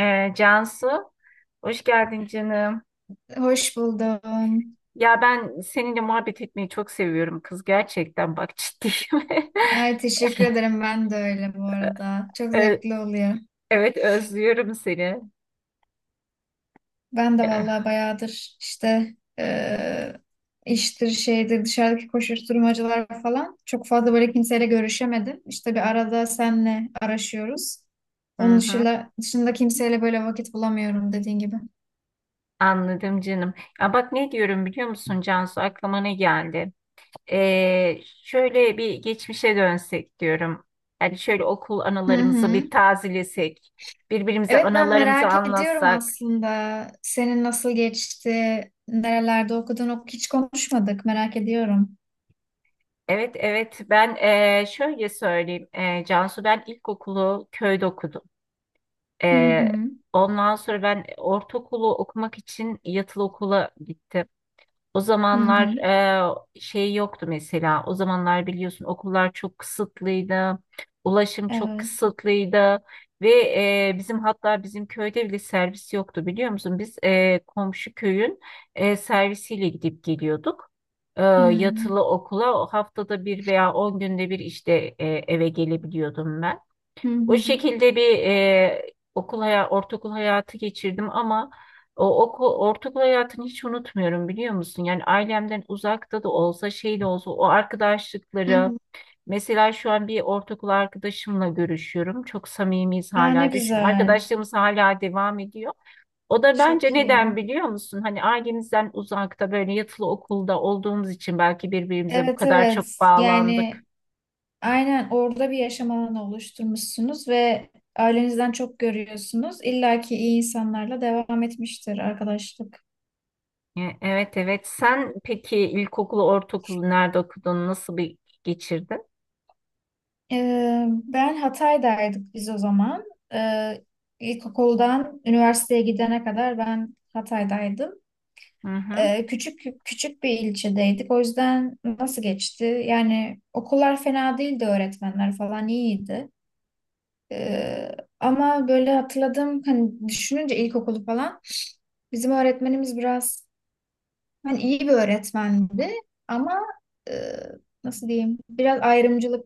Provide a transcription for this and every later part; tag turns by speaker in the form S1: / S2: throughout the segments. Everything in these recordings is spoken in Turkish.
S1: Cansu, hoş geldin canım.
S2: Hoş buldum.
S1: Ya ben seninle muhabbet etmeyi çok seviyorum kız, gerçekten bak, ciddiyim.
S2: Ay teşekkür ederim. Ben de öyle bu arada. Çok
S1: Ee,
S2: zevkli oluyor.
S1: Evet, özlüyorum seni.
S2: Ben de vallahi
S1: Ya.
S2: bayağıdır işte iştir şeydir dışarıdaki koşuşturmacalar falan çok fazla böyle kimseyle görüşemedim. İşte bir arada senle araşıyoruz.
S1: Hı
S2: Onun
S1: hı,
S2: dışında, dışında kimseyle böyle vakit bulamıyorum dediğin gibi.
S1: anladım canım. Ya bak, ne diyorum biliyor musun Cansu, aklıma ne geldi? Şöyle bir geçmişe dönsek diyorum. Yani şöyle okul
S2: Hı
S1: anılarımızı
S2: hı.
S1: bir tazelesek. Birbirimize
S2: Evet ben
S1: anılarımızı
S2: merak ediyorum
S1: anlatsak.
S2: aslında. Senin nasıl geçti? Nerelerde okudun? Hiç konuşmadık. Merak ediyorum.
S1: Evet, evet. Ben şöyle söyleyeyim. Cansu, ben ilkokulu köyde okudum.
S2: Hı
S1: Eee,
S2: hı.
S1: Ondan sonra ben ortaokulu okumak için yatılı okula gittim. O
S2: Hı
S1: zamanlar
S2: hı.
S1: şey yoktu mesela. O zamanlar biliyorsun, okullar çok kısıtlıydı. Ulaşım çok
S2: Evet.
S1: kısıtlıydı. Ve bizim, hatta bizim köyde bile servis yoktu, biliyor musun? Biz komşu köyün servisiyle gidip geliyorduk.
S2: Hmm.
S1: Yatılı okula o, haftada bir veya 10 günde bir, işte eve gelebiliyordum ben.
S2: Hı
S1: O
S2: hı.
S1: şekilde bir okul hayatı, ortaokul hayatı geçirdim ama o okul, ortaokul hayatını hiç unutmuyorum, biliyor musun? Yani ailemden uzakta da olsa, şey de olsa, o
S2: Hı
S1: arkadaşlıkları,
S2: hı.
S1: mesela şu an bir ortaokul arkadaşımla görüşüyorum. Çok samimiyiz
S2: Aa, ne
S1: hala, düşün.
S2: güzel.
S1: Arkadaşlığımız hala devam ediyor. O da bence,
S2: Çok
S1: neden
S2: iyi.
S1: biliyor musun? Hani ailemizden uzakta, böyle yatılı okulda olduğumuz için belki birbirimize bu
S2: Evet,
S1: kadar çok
S2: evet.
S1: bağlandık.
S2: Yani aynen orada bir yaşam alanı oluşturmuşsunuz ve ailenizden çok görüyorsunuz. İlla ki iyi insanlarla devam etmiştir arkadaşlık.
S1: Evet, evet. Sen peki ilkokulu, ortaokulu nerede okudun? Nasıl bir geçirdin?
S2: Ben Hatay'daydık biz o zaman. Ee, ilkokuldan üniversiteye gidene kadar ben Hatay'daydım.
S1: Hı hı.
S2: Küçük küçük bir ilçedeydik. O yüzden nasıl geçti? Yani okullar fena değildi, öğretmenler falan iyiydi. Ee, Ama böyle hatırladım, hani düşününce ilkokulu falan bizim öğretmenimiz biraz hani iyi bir öğretmendi ama e, nasıl diyeyim? Biraz ayrımcılık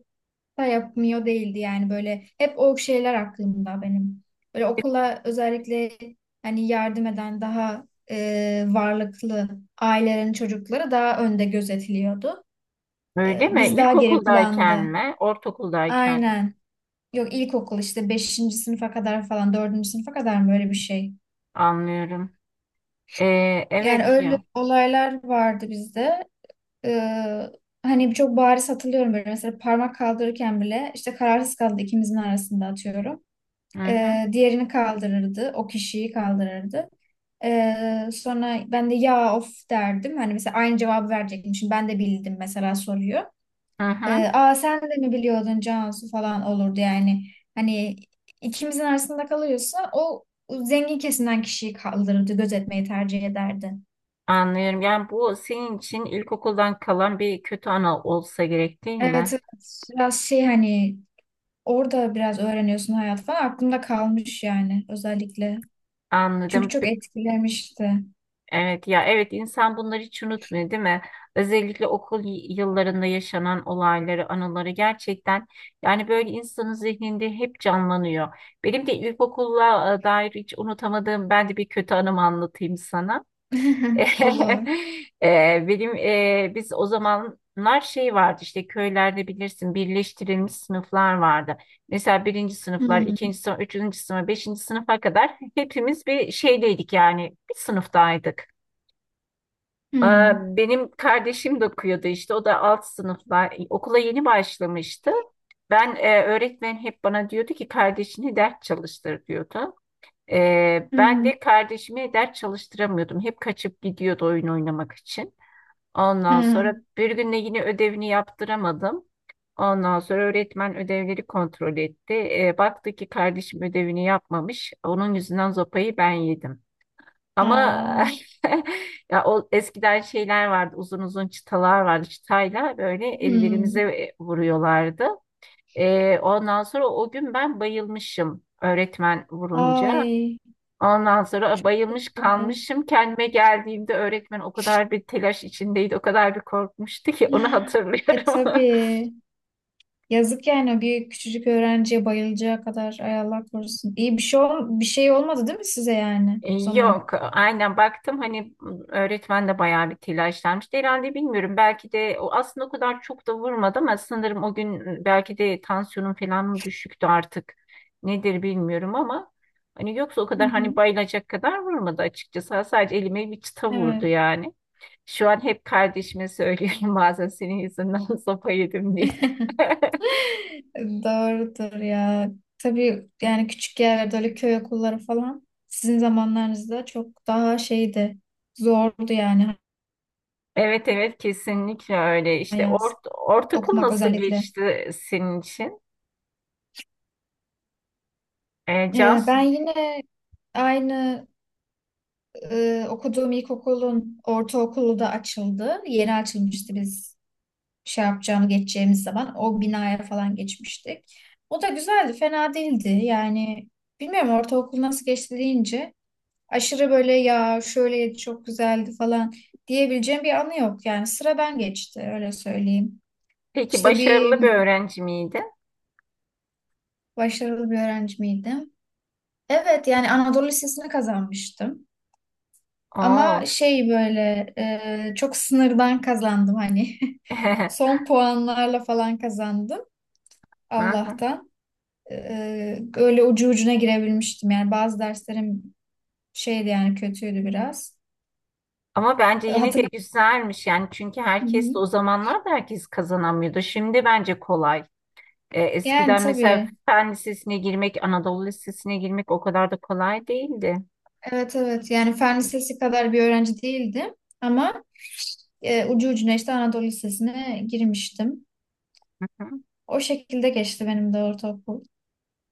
S2: da yapmıyor değildi, yani böyle hep o şeyler aklımda benim. Böyle okula özellikle hani yardım eden daha varlıklı ailelerin çocukları daha önde gözetiliyordu.
S1: Öyle
S2: E,
S1: mi?
S2: biz daha geri
S1: İlkokuldayken
S2: planda.
S1: mi? Ortaokuldayken mi?
S2: Aynen. Yok, ilkokul işte beşinci sınıfa kadar falan, dördüncü sınıfa kadar mı, öyle bir şey?
S1: Anlıyorum. E,
S2: Yani
S1: evet
S2: öyle
S1: ya.
S2: olaylar vardı bizde. E, Hani çok bariz hatırlıyorum, böyle mesela parmak kaldırırken bile işte kararsız kaldı ikimizin arasında atıyorum.
S1: Hı hı.
S2: Diğerini kaldırırdı. O kişiyi kaldırırdı. Sonra ben de ya of derdim. Hani mesela aynı cevabı verecekmişim. Ben de bildim mesela soruyor.
S1: Hı hı.
S2: Aa sen de mi biliyordun Cansu falan olurdu yani. Hani ikimizin arasında kalıyorsa o zengin kesimden kişiyi kaldırırdı. Gözetmeyi tercih ederdi.
S1: Anlıyorum. Yani bu senin için ilkokuldan kalan bir kötü anı olsa gerek, değil
S2: Evet,
S1: mi?
S2: evet. Biraz şey hani orada biraz öğreniyorsun hayat falan. Aklımda kalmış yani özellikle. Çünkü
S1: Anladım.
S2: çok etkilemişti.
S1: Evet ya, evet, insan bunları hiç unutmuyor, değil mi? Özellikle okul yıllarında yaşanan olayları, anıları, gerçekten yani böyle insanın zihninde hep canlanıyor. Benim de ilkokulla dair hiç unutamadığım, ben de bir kötü anımı anlatayım sana.
S2: Olur.
S1: Benim biz o zamanlar şey vardı, işte köylerde bilirsin, birleştirilmiş sınıflar vardı. Mesela birinci sınıflar, ikinci
S2: Hmm.
S1: sınıf, üçüncü sınıf, beşinci sınıfa kadar hepimiz bir şeydeydik, yani bir sınıftaydık. Aa,
S2: Hmm.
S1: benim kardeşim de okuyordu işte. O da alt sınıflar. Okula yeni başlamıştı. Ben öğretmen hep bana diyordu ki kardeşini ders çalıştır diyordu. Ben
S2: Hmm.
S1: de kardeşimi ders çalıştıramıyordum. Hep kaçıp gidiyordu oyun oynamak için. Ondan sonra
S2: Hmm.
S1: bir gün de yine ödevini yaptıramadım. Ondan sonra öğretmen ödevleri kontrol etti. Baktı ki kardeşim ödevini yapmamış. Onun yüzünden zopayı ben yedim. Ama
S2: Ha.
S1: ya o eskiden şeyler vardı, uzun uzun çıtalar vardı. Çıtayla böyle ellerimize
S2: Hmm.
S1: vuruyorlardı. Ondan sonra o gün ben bayılmışım öğretmen vurunca.
S2: Ay
S1: Ondan sonra
S2: çok
S1: bayılmış
S2: güzel.
S1: kalmışım. Kendime geldiğimde öğretmen o kadar bir telaş içindeydi, o kadar bir korkmuştu ki, onu
S2: E
S1: hatırlıyorum.
S2: tabii. Yazık yani, bir küçücük öğrenciye bayılacağı kadar, ay Allah korusun. İyi bir şey ol, bir şey olmadı değil mi size yani o zaman?
S1: Yok, aynen, baktım hani, öğretmen de bayağı bir telaşlanmıştı herhalde, bilmiyorum, belki de o aslında o kadar çok da vurmadı ama sanırım o gün belki de tansiyonum falan mı düşüktü artık, nedir bilmiyorum ama hani, yoksa o
S2: Hı
S1: kadar,
S2: hı.
S1: hani bayılacak kadar vurmadı açıkçası, sadece elime bir çıta vurdu
S2: Evet.
S1: yani. Şu an hep kardeşime söylüyorum bazen, senin yüzünden sopa yedim diye.
S2: Doğrudur ya. Tabii yani küçük yerlerde öyle köy okulları falan sizin zamanlarınızda çok daha şeydi. Zordu yani
S1: Evet, evet, kesinlikle öyle işte,
S2: hayat,
S1: ortaokul
S2: okumak
S1: nasıl
S2: özellikle.
S1: geçti senin için? E,
S2: Ben
S1: Cansu'nun
S2: yine aynı okuduğum ilkokulun ortaokulu da açıldı. Yeni açılmıştı biz şey yapacağını, geçeceğimiz zaman. O binaya falan geçmiştik. O da güzeldi, fena değildi. Yani bilmiyorum, ortaokul nasıl geçti deyince aşırı böyle ya şöyle çok güzeldi falan diyebileceğim bir anı yok. Yani sıra ben geçti, öyle söyleyeyim.
S1: Peki
S2: İşte
S1: başarılı
S2: bir
S1: bir öğrenci miydi?
S2: başarılı bir öğrenci miydim? Evet yani Anadolu Lisesi'ni kazanmıştım.
S1: Oo.
S2: Ama şey böyle çok sınırdan kazandım hani. Son puanlarla falan kazandım
S1: Aha.
S2: Allah'tan. E, öyle ucu ucuna girebilmiştim. Yani bazı derslerim şeydi yani, kötüydü biraz.
S1: Ama bence
S2: E,
S1: yine de
S2: hatırla-
S1: güzelmiş yani, çünkü
S2: Hı
S1: herkes de, o
S2: hı.
S1: zamanlar da herkes kazanamıyordu. Şimdi bence kolay.
S2: Yani
S1: Eskiden mesela
S2: tabii.
S1: Fen Lisesi'ne girmek, Anadolu Lisesi'ne girmek o kadar da kolay değildi.
S2: Evet, evet. Yani fen lisesi kadar bir öğrenci değildim. Ama ucu ucuna işte Anadolu Lisesi'ne girmiştim.
S1: Hı.
S2: O şekilde geçti benim de ortaokul.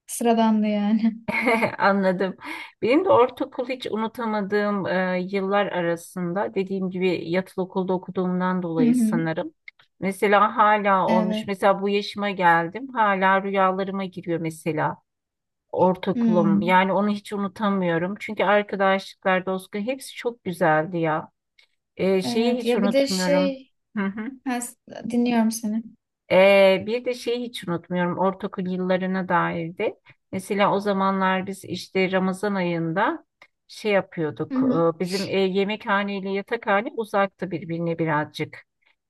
S2: Sıradandı yani.
S1: Anladım. Benim de ortaokul hiç unutamadığım yıllar arasında, dediğim gibi, yatılı okulda okuduğumdan
S2: Hı
S1: dolayı
S2: hı.
S1: sanırım. Mesela hala olmuş.
S2: Evet.
S1: Mesela bu yaşıma geldim. Hala rüyalarıma giriyor mesela ortaokulum.
S2: Hı.
S1: Yani onu hiç unutamıyorum. Çünkü arkadaşlıklar, dostluklar, hepsi çok güzeldi ya. Şeyi
S2: Evet
S1: hiç
S2: ya bir de
S1: unutmuyorum.
S2: şey ha, s- dinliyorum seni.
S1: Bir de şeyi hiç unutmuyorum, ortaokul yıllarına dairdi. Mesela o zamanlar biz işte Ramazan ayında şey
S2: Hı
S1: yapıyorduk.
S2: hı.
S1: Bizim yemekhane ile yatakhane uzaktı birbirine birazcık.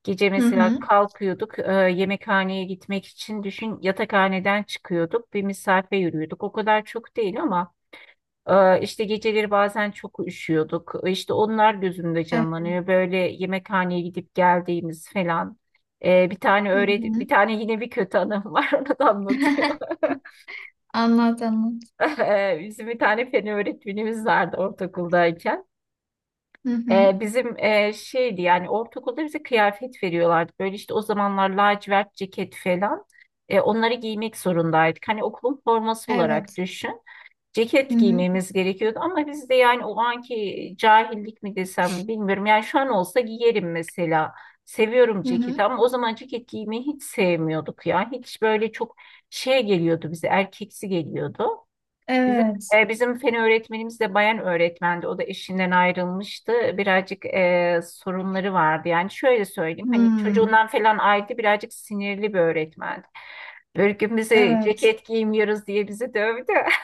S1: Gece
S2: Hı
S1: mesela
S2: hı.
S1: kalkıyorduk yemekhaneye gitmek için, düşün, yatakhaneden çıkıyorduk, bir mesafe yürüyorduk. O kadar çok değil ama işte geceleri bazen çok üşüyorduk. İşte onlar gözümde
S2: Evet.
S1: canlanıyor, böyle yemekhaneye gidip geldiğimiz falan. Bir tane
S2: Hı
S1: öğret bir
S2: hı.
S1: tane yine bir kötü anım var, onu da anlatayım.
S2: Anlat, anlat.
S1: Bizim bir tane fen öğretmenimiz vardı ortaokuldayken.
S2: Hı hı.
S1: Bizim şeydi yani, ortaokulda bize kıyafet veriyorlardı. Böyle işte o zamanlar lacivert ceket falan. Onları giymek zorundaydık. Hani okulun forması olarak
S2: Evet.
S1: düşün.
S2: Hı
S1: Ceket
S2: hı.
S1: giymemiz gerekiyordu ama biz de yani o anki cahillik mi desem bilmiyorum. Yani şu an olsa giyerim mesela. Seviyorum
S2: Hı hı.
S1: ceketi ama o zaman ceket giymeyi hiç sevmiyorduk ya. Hiç böyle çok şey geliyordu bize, erkeksi geliyordu. Bizim,
S2: Evet.
S1: bizim fen öğretmenimiz de bayan öğretmendi. O da eşinden ayrılmıştı. Birazcık sorunları vardı. Yani şöyle söyleyeyim, hani
S2: Hmm.
S1: çocuğundan falan ayrıydı, birazcık sinirli bir öğretmendi. Böyle gün bize
S2: Evet.
S1: ceket giymiyoruz diye bizi dövdü.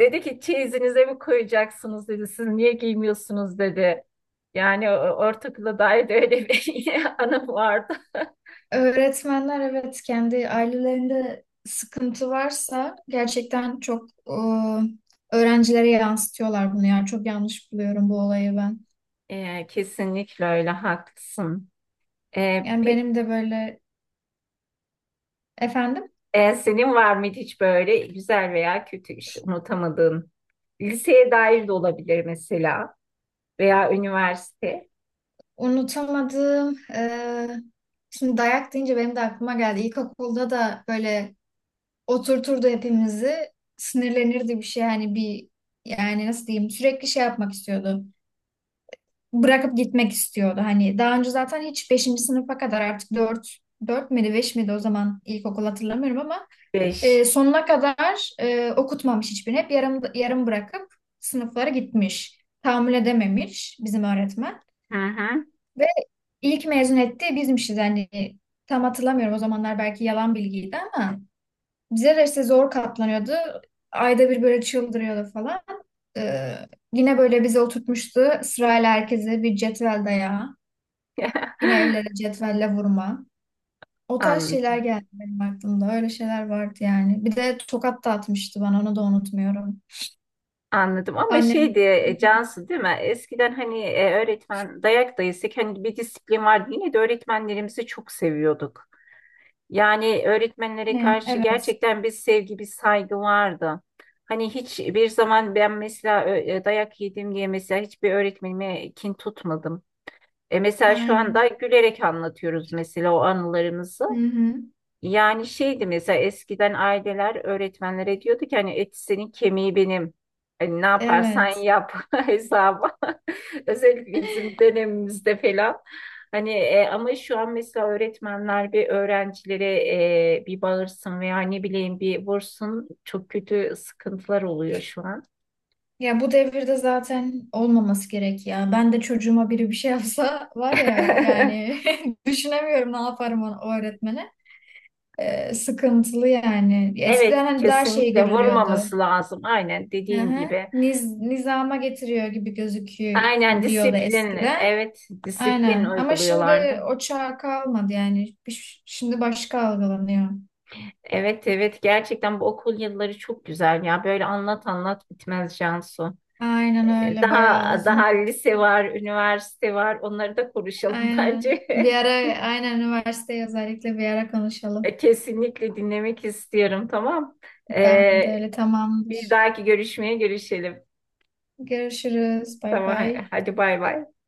S1: Dedi ki, çeyizinize mi koyacaksınız dedi. Siz niye giymiyorsunuz dedi. Yani ortaokula dair de öyle bir anım vardı.
S2: Öğretmenler evet kendi ailelerinde sıkıntı varsa gerçekten çok öğrencilere yansıtıyorlar bunu, yani çok yanlış buluyorum bu olayı ben.
S1: Kesinlikle öyle, haklısın. Ee,
S2: Yani
S1: pe-
S2: benim de böyle efendim.
S1: senin var mıydı hiç böyle güzel veya kötü işte unutamadığın? Liseye dair de olabilir, mesela veya üniversite.
S2: Unutamadığım, şimdi dayak deyince benim de aklıma geldi. İlkokulda da böyle oturturdu hepimizi, sinirlenirdi bir şey. Hani bir, yani nasıl diyeyim, sürekli şey yapmak istiyordu. Bırakıp gitmek istiyordu. Hani daha önce zaten hiç beşinci sınıfa kadar artık dört miydi 5 miydi o zaman ilkokul hatırlamıyorum ama
S1: Beş.
S2: sonuna kadar okutmamış hiçbirini. Hep yarım, yarım bırakıp sınıflara gitmiş. Tahammül edememiş bizim öğretmen.
S1: Hı hı.
S2: İlk mezun etti bizmişiz hani, tam hatırlamıyorum o zamanlar, belki yalan bilgiydi ama bize de işte zor katlanıyordu. Ayda bir böyle çıldırıyordu falan. Ee, Yine böyle bize oturtmuştu sırayla herkese bir cetvel dayağı. Yine ellere cetvelle vurma. O tarz
S1: Anladım.
S2: şeyler geldi benim aklımda. Öyle şeyler vardı yani. Bir de tokat da atmıştı bana, onu da unutmuyorum.
S1: Anladım ama
S2: Annem
S1: şeydi Cansu, değil mi? Eskiden hani öğretmen dayak da yesek hani bir disiplin vardı. Yine de öğretmenlerimizi çok seviyorduk. Yani öğretmenlere
S2: ne?
S1: karşı
S2: Evet.
S1: gerçekten bir sevgi, bir saygı vardı. Hani hiçbir zaman ben mesela dayak yedim diye mesela hiçbir öğretmenime kin tutmadım. Mesela şu anda
S2: Aynen.
S1: gülerek anlatıyoruz mesela o anılarımızı.
S2: Hı hı.
S1: Yani şeydi, mesela eskiden aileler öğretmenlere diyordu ki, hani et senin kemiği benim. Hani ne yaparsan
S2: Evet.
S1: yap hesabı. Özellikle bizim dönemimizde falan. Hani ama şu an mesela öğretmenler bir öğrencilere bir bağırsın veya ne bileyim bir vursun, çok kötü sıkıntılar oluyor şu an.
S2: Ya bu devirde zaten olmaması gerek ya. Ben de çocuğuma biri bir şey yapsa var ya yani düşünemiyorum ne yaparım o öğretmene. Sıkıntılı yani. Eskiden
S1: Evet,
S2: hani daha şey
S1: kesinlikle
S2: görülüyordu.
S1: vurmaması lazım, aynen
S2: Hı
S1: dediğin
S2: hı.
S1: gibi.
S2: Niz, nizama getiriyor gibi
S1: Aynen,
S2: gözüküyordu
S1: disiplin.
S2: eskiden.
S1: Evet, disiplin
S2: Aynen. Ama şimdi
S1: uyguluyorlardı.
S2: o çağ kalmadı yani. Bir- şimdi başka algılanıyor.
S1: Evet, evet, gerçekten bu okul yılları çok güzel ya, böyle anlat anlat bitmez Cansu.
S2: Aynen öyle, bayağı
S1: Daha daha
S2: uzun.
S1: lise var, üniversite var, onları da konuşalım
S2: Aynen.
S1: bence.
S2: Bir ara, aynen üniversiteye özellikle bir ara konuşalım.
S1: Kesinlikle dinlemek istiyorum, tamam.
S2: Ben
S1: Ee,
S2: de öyle,
S1: Bir
S2: tamamdır.
S1: dahaki görüşmeye görüşelim.
S2: Görüşürüz. Bay
S1: Tamam,
S2: bay.
S1: hadi bay bay.